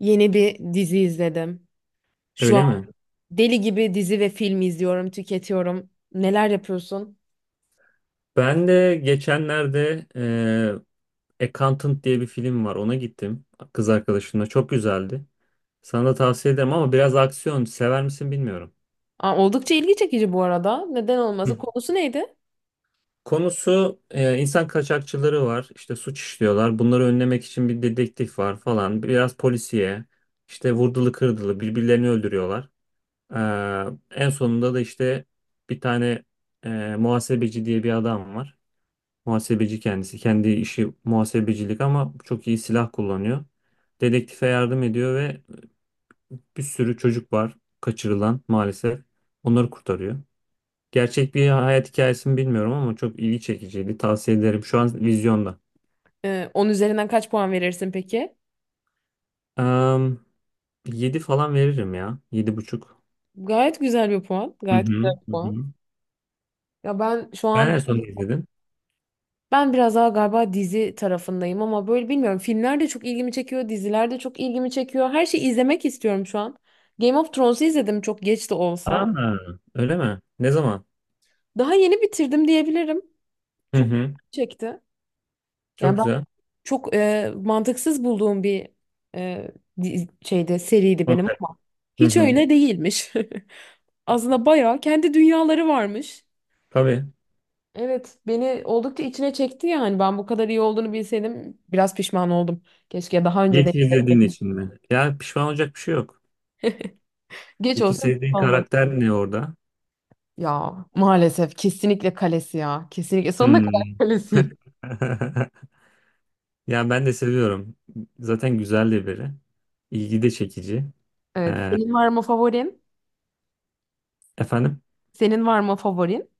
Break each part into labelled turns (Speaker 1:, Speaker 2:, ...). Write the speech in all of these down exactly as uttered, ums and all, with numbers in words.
Speaker 1: Yeni bir dizi izledim. Şu an
Speaker 2: Öyle mi?
Speaker 1: deli gibi dizi ve film izliyorum, tüketiyorum. Neler yapıyorsun?
Speaker 2: Ben de geçenlerde e, Accountant diye bir film var. Ona gittim kız arkadaşımla. Çok güzeldi. Sana da tavsiye ederim ama biraz aksiyon. Sever misin bilmiyorum.
Speaker 1: Aa, oldukça ilgi çekici bu arada. Neden olması?
Speaker 2: Hı.
Speaker 1: Konusu neydi?
Speaker 2: Konusu e, insan kaçakçıları var. İşte suç işliyorlar. Bunları önlemek için bir dedektif var falan. Biraz polisiye. İşte vurdulu kırdılı birbirlerini öldürüyorlar. E, en sonunda da işte bir tane e, muhasebeci diye bir adam var. Muhasebeci kendisi. Kendi işi muhasebecilik ama çok iyi silah kullanıyor. Dedektife yardım ediyor ve bir sürü çocuk var kaçırılan maalesef. Onları kurtarıyor. Gerçek bir hayat hikayesi mi bilmiyorum ama çok ilgi çekiciydi. Tavsiye ederim. Şu an vizyonda.
Speaker 1: Ee, on üzerinden kaç puan verirsin peki?
Speaker 2: Um, yedi falan veririm ya. yedi buçuk.
Speaker 1: Gayet güzel bir puan.
Speaker 2: Hı
Speaker 1: Gayet güzel
Speaker 2: hı,
Speaker 1: bir
Speaker 2: hı
Speaker 1: puan.
Speaker 2: hı.
Speaker 1: Ya ben şu
Speaker 2: Sen en
Speaker 1: an
Speaker 2: son ne izledin?
Speaker 1: ben biraz daha galiba dizi tarafındayım ama böyle bilmiyorum. Filmler de çok ilgimi çekiyor, diziler de çok ilgimi çekiyor. Her şeyi izlemek istiyorum şu an. Game of Thrones'u izledim çok geç de olsa.
Speaker 2: Aa, öyle mi? Ne zaman?
Speaker 1: Daha yeni bitirdim diyebilirim.
Speaker 2: Hı
Speaker 1: Çok
Speaker 2: hı.
Speaker 1: çekti.
Speaker 2: Çok
Speaker 1: Yani
Speaker 2: güzel.
Speaker 1: çok e, mantıksız bulduğum bir e, di- şeyde seriydi benim
Speaker 2: Konser.
Speaker 1: ama
Speaker 2: Hı
Speaker 1: hiç
Speaker 2: hı.
Speaker 1: öyle değilmiş. Aslında bayağı kendi dünyaları varmış.
Speaker 2: Tabii.
Speaker 1: Evet, beni oldukça içine çekti yani. Ben bu kadar iyi olduğunu bilseydim biraz pişman oldum. Keşke daha önce de
Speaker 2: Geç izlediğin için mi? Ya pişman olacak bir şey yok.
Speaker 1: geç
Speaker 2: Peki
Speaker 1: olsun geç
Speaker 2: sevdiğin
Speaker 1: olmasın.
Speaker 2: karakter ne orada?
Speaker 1: Ya maalesef kesinlikle kalesi ya. Kesinlikle sonuna kadar
Speaker 2: Hmm.
Speaker 1: kalesi.
Speaker 2: Ya ben de seviyorum. Zaten güzel de biri. İlgi de çekici.
Speaker 1: Evet.
Speaker 2: Ee,
Speaker 1: Senin var mı favorin?
Speaker 2: efendim?
Speaker 1: Senin var mı favorin?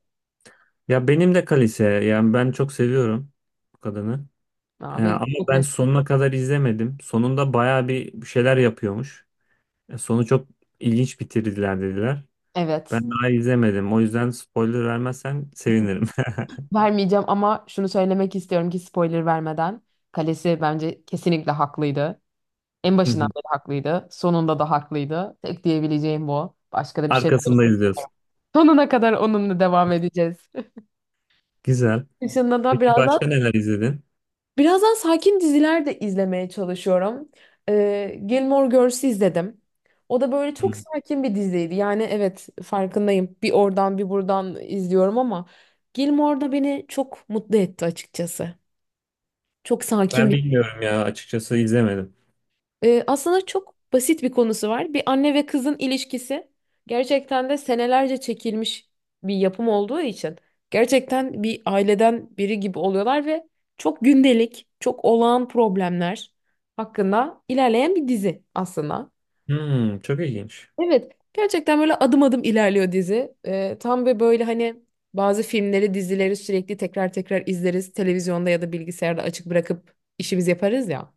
Speaker 2: Ya benim de Kalise. Yani ben çok seviyorum bu kadını. Ee,
Speaker 1: Aa, benim
Speaker 2: ama
Speaker 1: çok
Speaker 2: ben
Speaker 1: net.
Speaker 2: sonuna kadar izlemedim. Sonunda bayağı bir şeyler yapıyormuş. E, sonu çok ilginç bitirdiler dediler.
Speaker 1: Evet.
Speaker 2: Ben daha izlemedim. O yüzden spoiler vermezsen sevinirim.
Speaker 1: Vermeyeceğim ama şunu söylemek istiyorum ki spoiler vermeden. Kalesi bence kesinlikle haklıydı. En başından beri haklıydı. Sonunda da haklıydı. Tek diyebileceğim bu. Başka da bir şey
Speaker 2: Arkasında
Speaker 1: söyle-
Speaker 2: izliyorsun.
Speaker 1: Sonuna kadar onunla devam edeceğiz.
Speaker 2: Güzel.
Speaker 1: Dışında da
Speaker 2: Peki
Speaker 1: birazdan
Speaker 2: başka neler izledin?
Speaker 1: birazdan sakin diziler de izlemeye çalışıyorum. Ee, Gilmore Girls'ü izledim. O da böyle çok sakin bir diziydi. Yani evet farkındayım. Bir oradan bir buradan izliyorum ama Gilmore da beni çok mutlu etti açıkçası. Çok sakin
Speaker 2: Ben
Speaker 1: bir.
Speaker 2: bilmiyorum ya açıkçası izlemedim.
Speaker 1: Ee, aslında çok basit bir konusu var. Bir anne ve kızın ilişkisi gerçekten de senelerce çekilmiş bir yapım olduğu için gerçekten bir aileden biri gibi oluyorlar ve çok gündelik, çok olağan problemler hakkında ilerleyen bir dizi aslında.
Speaker 2: Hmm, çok ilginç.
Speaker 1: Evet, gerçekten böyle adım adım ilerliyor dizi. Ee, tam ve böyle hani bazı filmleri, dizileri sürekli tekrar tekrar izleriz. Televizyonda ya da bilgisayarda açık bırakıp işimizi yaparız ya.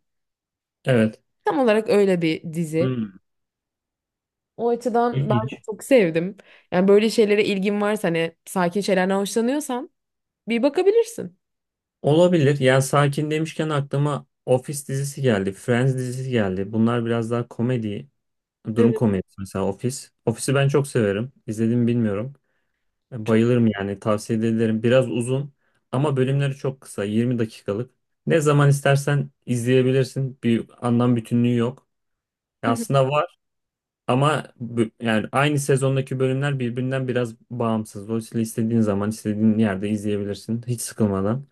Speaker 2: Evet.
Speaker 1: Tam olarak öyle bir dizi.
Speaker 2: Hmm,
Speaker 1: O açıdan ben
Speaker 2: ilginç.
Speaker 1: çok sevdim. Yani böyle şeylere ilgin varsa hani sakin şeylerden hoşlanıyorsan bir bakabilirsin.
Speaker 2: Olabilir. Yani sakin demişken aklıma Office dizisi geldi. Friends dizisi geldi. Bunlar biraz daha komedi. Durum
Speaker 1: Evet,
Speaker 2: komedisi mesela Office. Office'i ben çok severim. İzledim mi bilmiyorum. E,
Speaker 1: çok.
Speaker 2: Bayılırım yani tavsiye ederim. Biraz uzun ama bölümleri çok kısa. yirmi dakikalık. Ne zaman istersen izleyebilirsin. Bir anlam bütünlüğü yok.
Speaker 1: Hı
Speaker 2: Ya
Speaker 1: hı.
Speaker 2: aslında var, ama bu- yani aynı sezondaki bölümler birbirinden biraz bağımsız. Dolayısıyla istediğin zaman istediğin yerde izleyebilirsin. Hiç sıkılmadan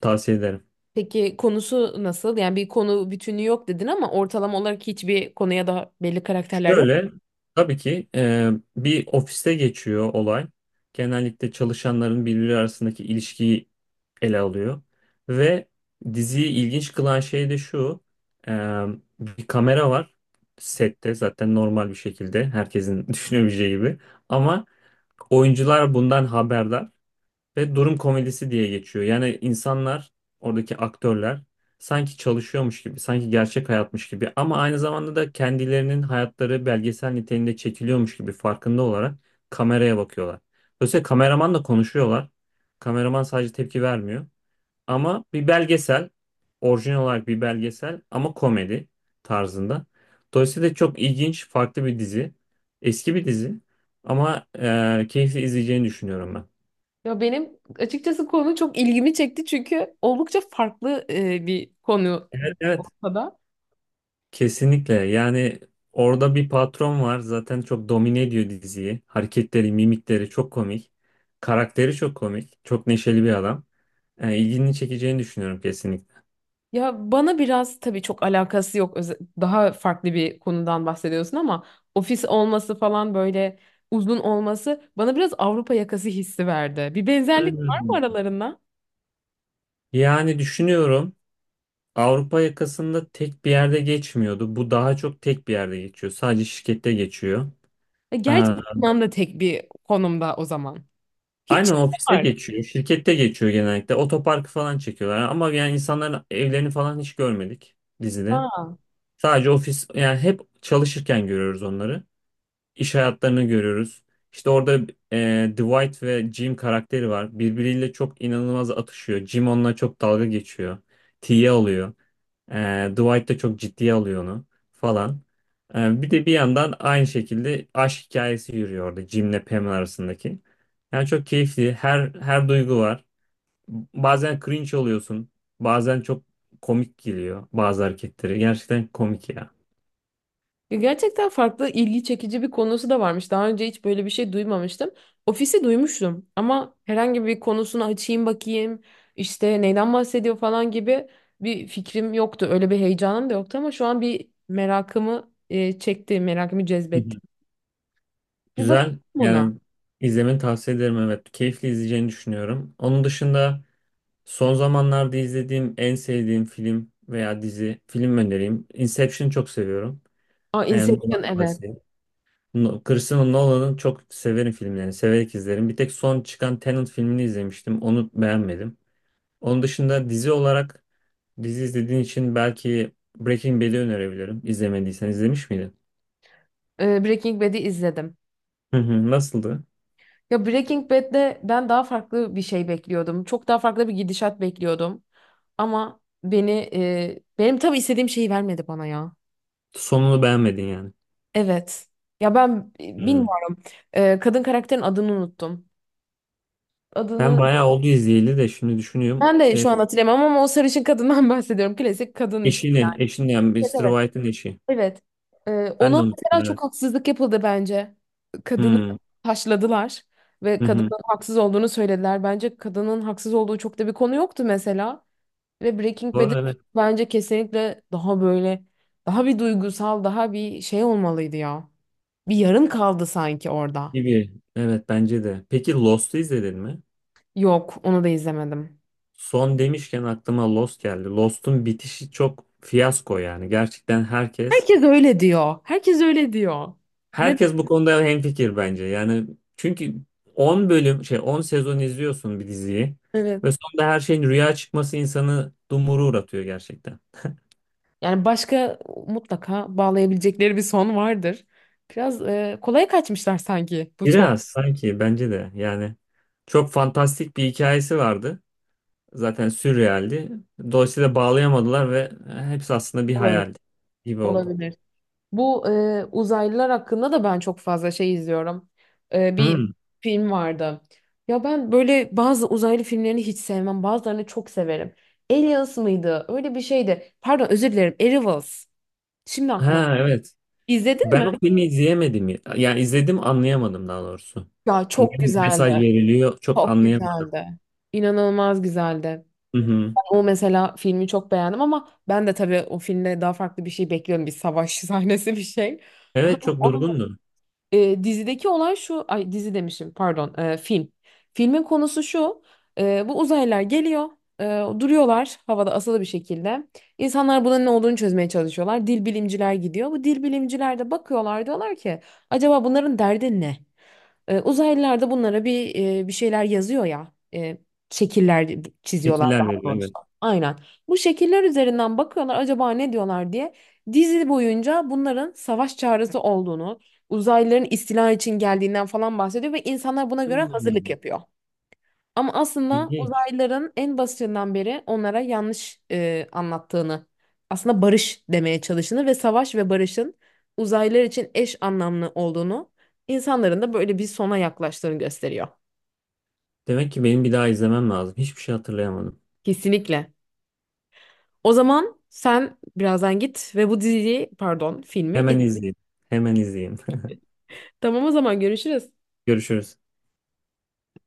Speaker 2: tavsiye ederim.
Speaker 1: Peki konusu nasıl? Yani bir konu bütünü yok dedin ama ortalama olarak hiçbir konuya da belli karakterler yok.
Speaker 2: Şöyle, tabii ki e, bir ofiste geçiyor olay. Genellikle çalışanların birbiri arasındaki ilişkiyi ele alıyor. Ve diziyi ilginç kılan şey de şu: e, bir kamera var sette zaten normal bir şekilde herkesin düşünebileceği gibi. Ama oyuncular bundan haberdar. Ve durum komedisi diye geçiyor. Yani insanlar, oradaki aktörler sanki çalışıyormuş gibi, sanki gerçek hayatmış gibi ama aynı zamanda da kendilerinin hayatları belgesel niteliğinde çekiliyormuş gibi farkında olarak kameraya bakıyorlar. Dolayısıyla kameramanla konuşuyorlar. Kameraman sadece tepki vermiyor. Ama bir belgesel, orijinal olarak bir belgesel ama komedi tarzında. Dolayısıyla çok ilginç, farklı bir dizi. Eski bir dizi ama e, keyifli izleyeceğini düşünüyorum ben.
Speaker 1: Ya benim açıkçası konu çok ilgimi çekti çünkü oldukça farklı e, bir konu
Speaker 2: Evet.
Speaker 1: ortada.
Speaker 2: Kesinlikle. Yani orada bir patron var. Zaten çok domine ediyor diziyi. Hareketleri, mimikleri çok komik. Karakteri çok komik. Çok neşeli bir adam. Yani ilgini çekeceğini düşünüyorum kesinlikle.
Speaker 1: Ya bana biraz tabii çok alakası yok. Öze- Daha farklı bir konudan bahsediyorsun ama ofis olması falan böyle uzun olması bana biraz Avrupa yakası hissi verdi. Bir benzerlik var mı
Speaker 2: Hmm.
Speaker 1: aralarında?
Speaker 2: Yani düşünüyorum, Avrupa yakasında tek bir yerde geçmiyordu. Bu daha çok tek bir yerde geçiyor. Sadece şirkette geçiyor.
Speaker 1: E, Gerçi
Speaker 2: Aa,
Speaker 1: Yunan da tek bir konumda o zaman. Hiç
Speaker 2: aynen
Speaker 1: şey
Speaker 2: ofiste
Speaker 1: var.
Speaker 2: geçiyor. Şirkette geçiyor genellikle. Otoparkı falan çekiyorlar. Ama yani insanların evlerini falan hiç görmedik dizide.
Speaker 1: Aa.
Speaker 2: Sadece ofis, yani hep çalışırken görüyoruz onları. İş hayatlarını görüyoruz. İşte orada e, Dwight ve Jim karakteri var. Birbiriyle çok inanılmaz atışıyor. Jim onunla çok dalga geçiyor. T'ye alıyor. E, Dwight da çok ciddiye alıyor onu falan. E, bir de bir yandan aynı şekilde aşk hikayesi yürüyor orada Jim'le Pam arasındaki. Yani çok keyifli. Her her duygu var. Bazen cringe oluyorsun. Bazen çok komik geliyor bazı hareketleri. Gerçekten komik ya.
Speaker 1: Ya gerçekten farklı ilgi çekici bir konusu da varmış. Daha önce hiç böyle bir şey duymamıştım. Ofisi duymuştum ama herhangi bir konusunu açayım bakayım, işte neyden bahsediyor falan gibi bir fikrim yoktu. Öyle bir heyecanım da yoktu ama şu an bir merakımı e, çekti, merakımı
Speaker 2: Hı
Speaker 1: cezbetti.
Speaker 2: hı.
Speaker 1: Bir bakayım
Speaker 2: Güzel.
Speaker 1: buna.
Speaker 2: Yani izlemeni tavsiye ederim, evet. Keyifli izleyeceğini düşünüyorum. Onun dışında, son zamanlarda izlediğim en sevdiğim film veya dizi, film önereyim. Inception'ı çok seviyorum.
Speaker 1: Aa,
Speaker 2: Yani
Speaker 1: Inception
Speaker 2: Nolan
Speaker 1: evet.
Speaker 2: klasiği. No- Christopher Nolan'ın çok severim filmlerini, severek izlerim. Bir tek son çıkan Tenet filmini izlemiştim. Onu beğenmedim. Onun dışında dizi olarak, dizi izlediğin için belki Breaking Bad'i önerebilirim. İzlemediysen, izlemiş miydin?
Speaker 1: Ee, Breaking Bad'i izledim.
Speaker 2: Hı hı, nasıldı?
Speaker 1: Ya Breaking Bad'de ben daha farklı bir şey bekliyordum. Çok daha farklı bir gidişat bekliyordum. Ama beni e, benim tabii istediğim şeyi vermedi bana ya.
Speaker 2: Sonunu beğenmedin yani.
Speaker 1: Evet. Ya ben e,
Speaker 2: Hı.
Speaker 1: bilmiyorum. Ee, kadın karakterin adını unuttum.
Speaker 2: Ben
Speaker 1: Adını
Speaker 2: bayağı oldu izleyeli de şimdi düşünüyorum.
Speaker 1: ben de
Speaker 2: Ee,
Speaker 1: şu an hatırlamam ama o sarışın kadından bahsediyorum. Klasik kadın işte.
Speaker 2: eşini, eşini yani
Speaker 1: Evet
Speaker 2: mister
Speaker 1: evet.
Speaker 2: White'ın eşi.
Speaker 1: Evet. Ee,
Speaker 2: Ben de
Speaker 1: ona
Speaker 2: unuttum,
Speaker 1: mesela
Speaker 2: evet.
Speaker 1: çok haksızlık yapıldı bence. Kadını
Speaker 2: Hmm,
Speaker 1: taşladılar ve
Speaker 2: hı hı.
Speaker 1: kadının haksız olduğunu söylediler. Bence kadının haksız olduğu çok da bir konu yoktu mesela. Ve Breaking Bad
Speaker 2: Doğru, evet,
Speaker 1: bence kesinlikle daha böyle daha bir duygusal, daha bir şey olmalıydı ya. Bir yarım kaldı sanki orada.
Speaker 2: gibi. Evet, bence de. Peki Lost'u izledin mi?
Speaker 1: Yok, onu da izlemedim.
Speaker 2: Son demişken aklıma Lost geldi. Lost'un bitişi çok fiyasko yani. Gerçekten herkes
Speaker 1: Herkes öyle diyor. Herkes öyle diyor. Ne?
Speaker 2: herkes bu konuda hemfikir bence. Yani çünkü on bölüm şey, on sezon izliyorsun bir diziyi
Speaker 1: Evet.
Speaker 2: ve sonunda her şeyin rüya çıkması insanı dumuru uğratıyor gerçekten.
Speaker 1: Yani başka mutlaka bağlayabilecekleri bir son vardır. Biraz e, kolaya kaçmışlar sanki bu son.
Speaker 2: Biraz sanki, bence de yani, çok fantastik bir hikayesi vardı. Zaten sürrealdi. Dolayısıyla bağlayamadılar ve e, hepsi aslında bir
Speaker 1: Olabilir.
Speaker 2: hayal gibi oldu.
Speaker 1: Olabilir. Bu e, uzaylılar hakkında da ben çok fazla şey izliyorum. E, bir
Speaker 2: Hmm.
Speaker 1: film vardı. Ya ben böyle bazı uzaylı filmlerini hiç sevmem. Bazılarını çok severim. Aliens mıydı? Öyle bir şeydi. Pardon özür dilerim. Arrivals. Şimdi aklıma.
Speaker 2: Ha, evet.
Speaker 1: İzledin mi?
Speaker 2: Ben o filmi izleyemedim ya. Yani izledim, anlayamadım daha doğrusu.
Speaker 1: Ya
Speaker 2: Ne
Speaker 1: çok güzeldi.
Speaker 2: mesaj veriliyor çok
Speaker 1: Çok
Speaker 2: anlayamadım.
Speaker 1: güzeldi. İnanılmaz güzeldi.
Speaker 2: Hı hı.
Speaker 1: Ben o mesela filmi çok beğendim ama ben de tabii o filmde daha farklı bir şey bekliyorum. Bir savaş sahnesi bir şey.
Speaker 2: Evet,
Speaker 1: Ama
Speaker 2: çok
Speaker 1: o
Speaker 2: durgundu.
Speaker 1: e, dizideki olay şu, ay dizi demişim pardon, e, film. Filmin konusu şu, e, bu uzaylılar geliyor, e, duruyorlar havada asılı bir şekilde. İnsanlar bunun ne olduğunu çözmeye çalışıyorlar. Dil bilimciler gidiyor. Bu dil bilimciler de bakıyorlar diyorlar ki acaba bunların derdi ne? E, uzaylılar da bunlara bir e, bir şeyler yazıyor ya, e, şekiller çiziyorlar
Speaker 2: Fikirler
Speaker 1: daha
Speaker 2: veriyor,
Speaker 1: doğrusu.
Speaker 2: evet.
Speaker 1: Aynen. Bu şekiller üzerinden bakıyorlar acaba ne diyorlar diye. Dizi boyunca bunların savaş çağrısı olduğunu, uzaylıların istila için geldiğinden falan bahsediyor ve insanlar buna göre hazırlık
Speaker 2: Hmm.
Speaker 1: yapıyor. Ama aslında
Speaker 2: İlginç.
Speaker 1: uzaylıların en basitinden beri onlara yanlış e, anlattığını, aslında barış demeye çalıştığını ve savaş ve barışın uzaylılar için eş anlamlı olduğunu, insanların da böyle bir sona yaklaştığını gösteriyor.
Speaker 2: Demek ki benim bir daha izlemem lazım. Hiçbir şey hatırlayamadım.
Speaker 1: Kesinlikle. O zaman sen birazdan git ve bu diziyi, pardon, filmi. İz-
Speaker 2: Hemen izleyeyim. Hemen izleyeyim.
Speaker 1: Tamam o zaman görüşürüz.
Speaker 2: Görüşürüz.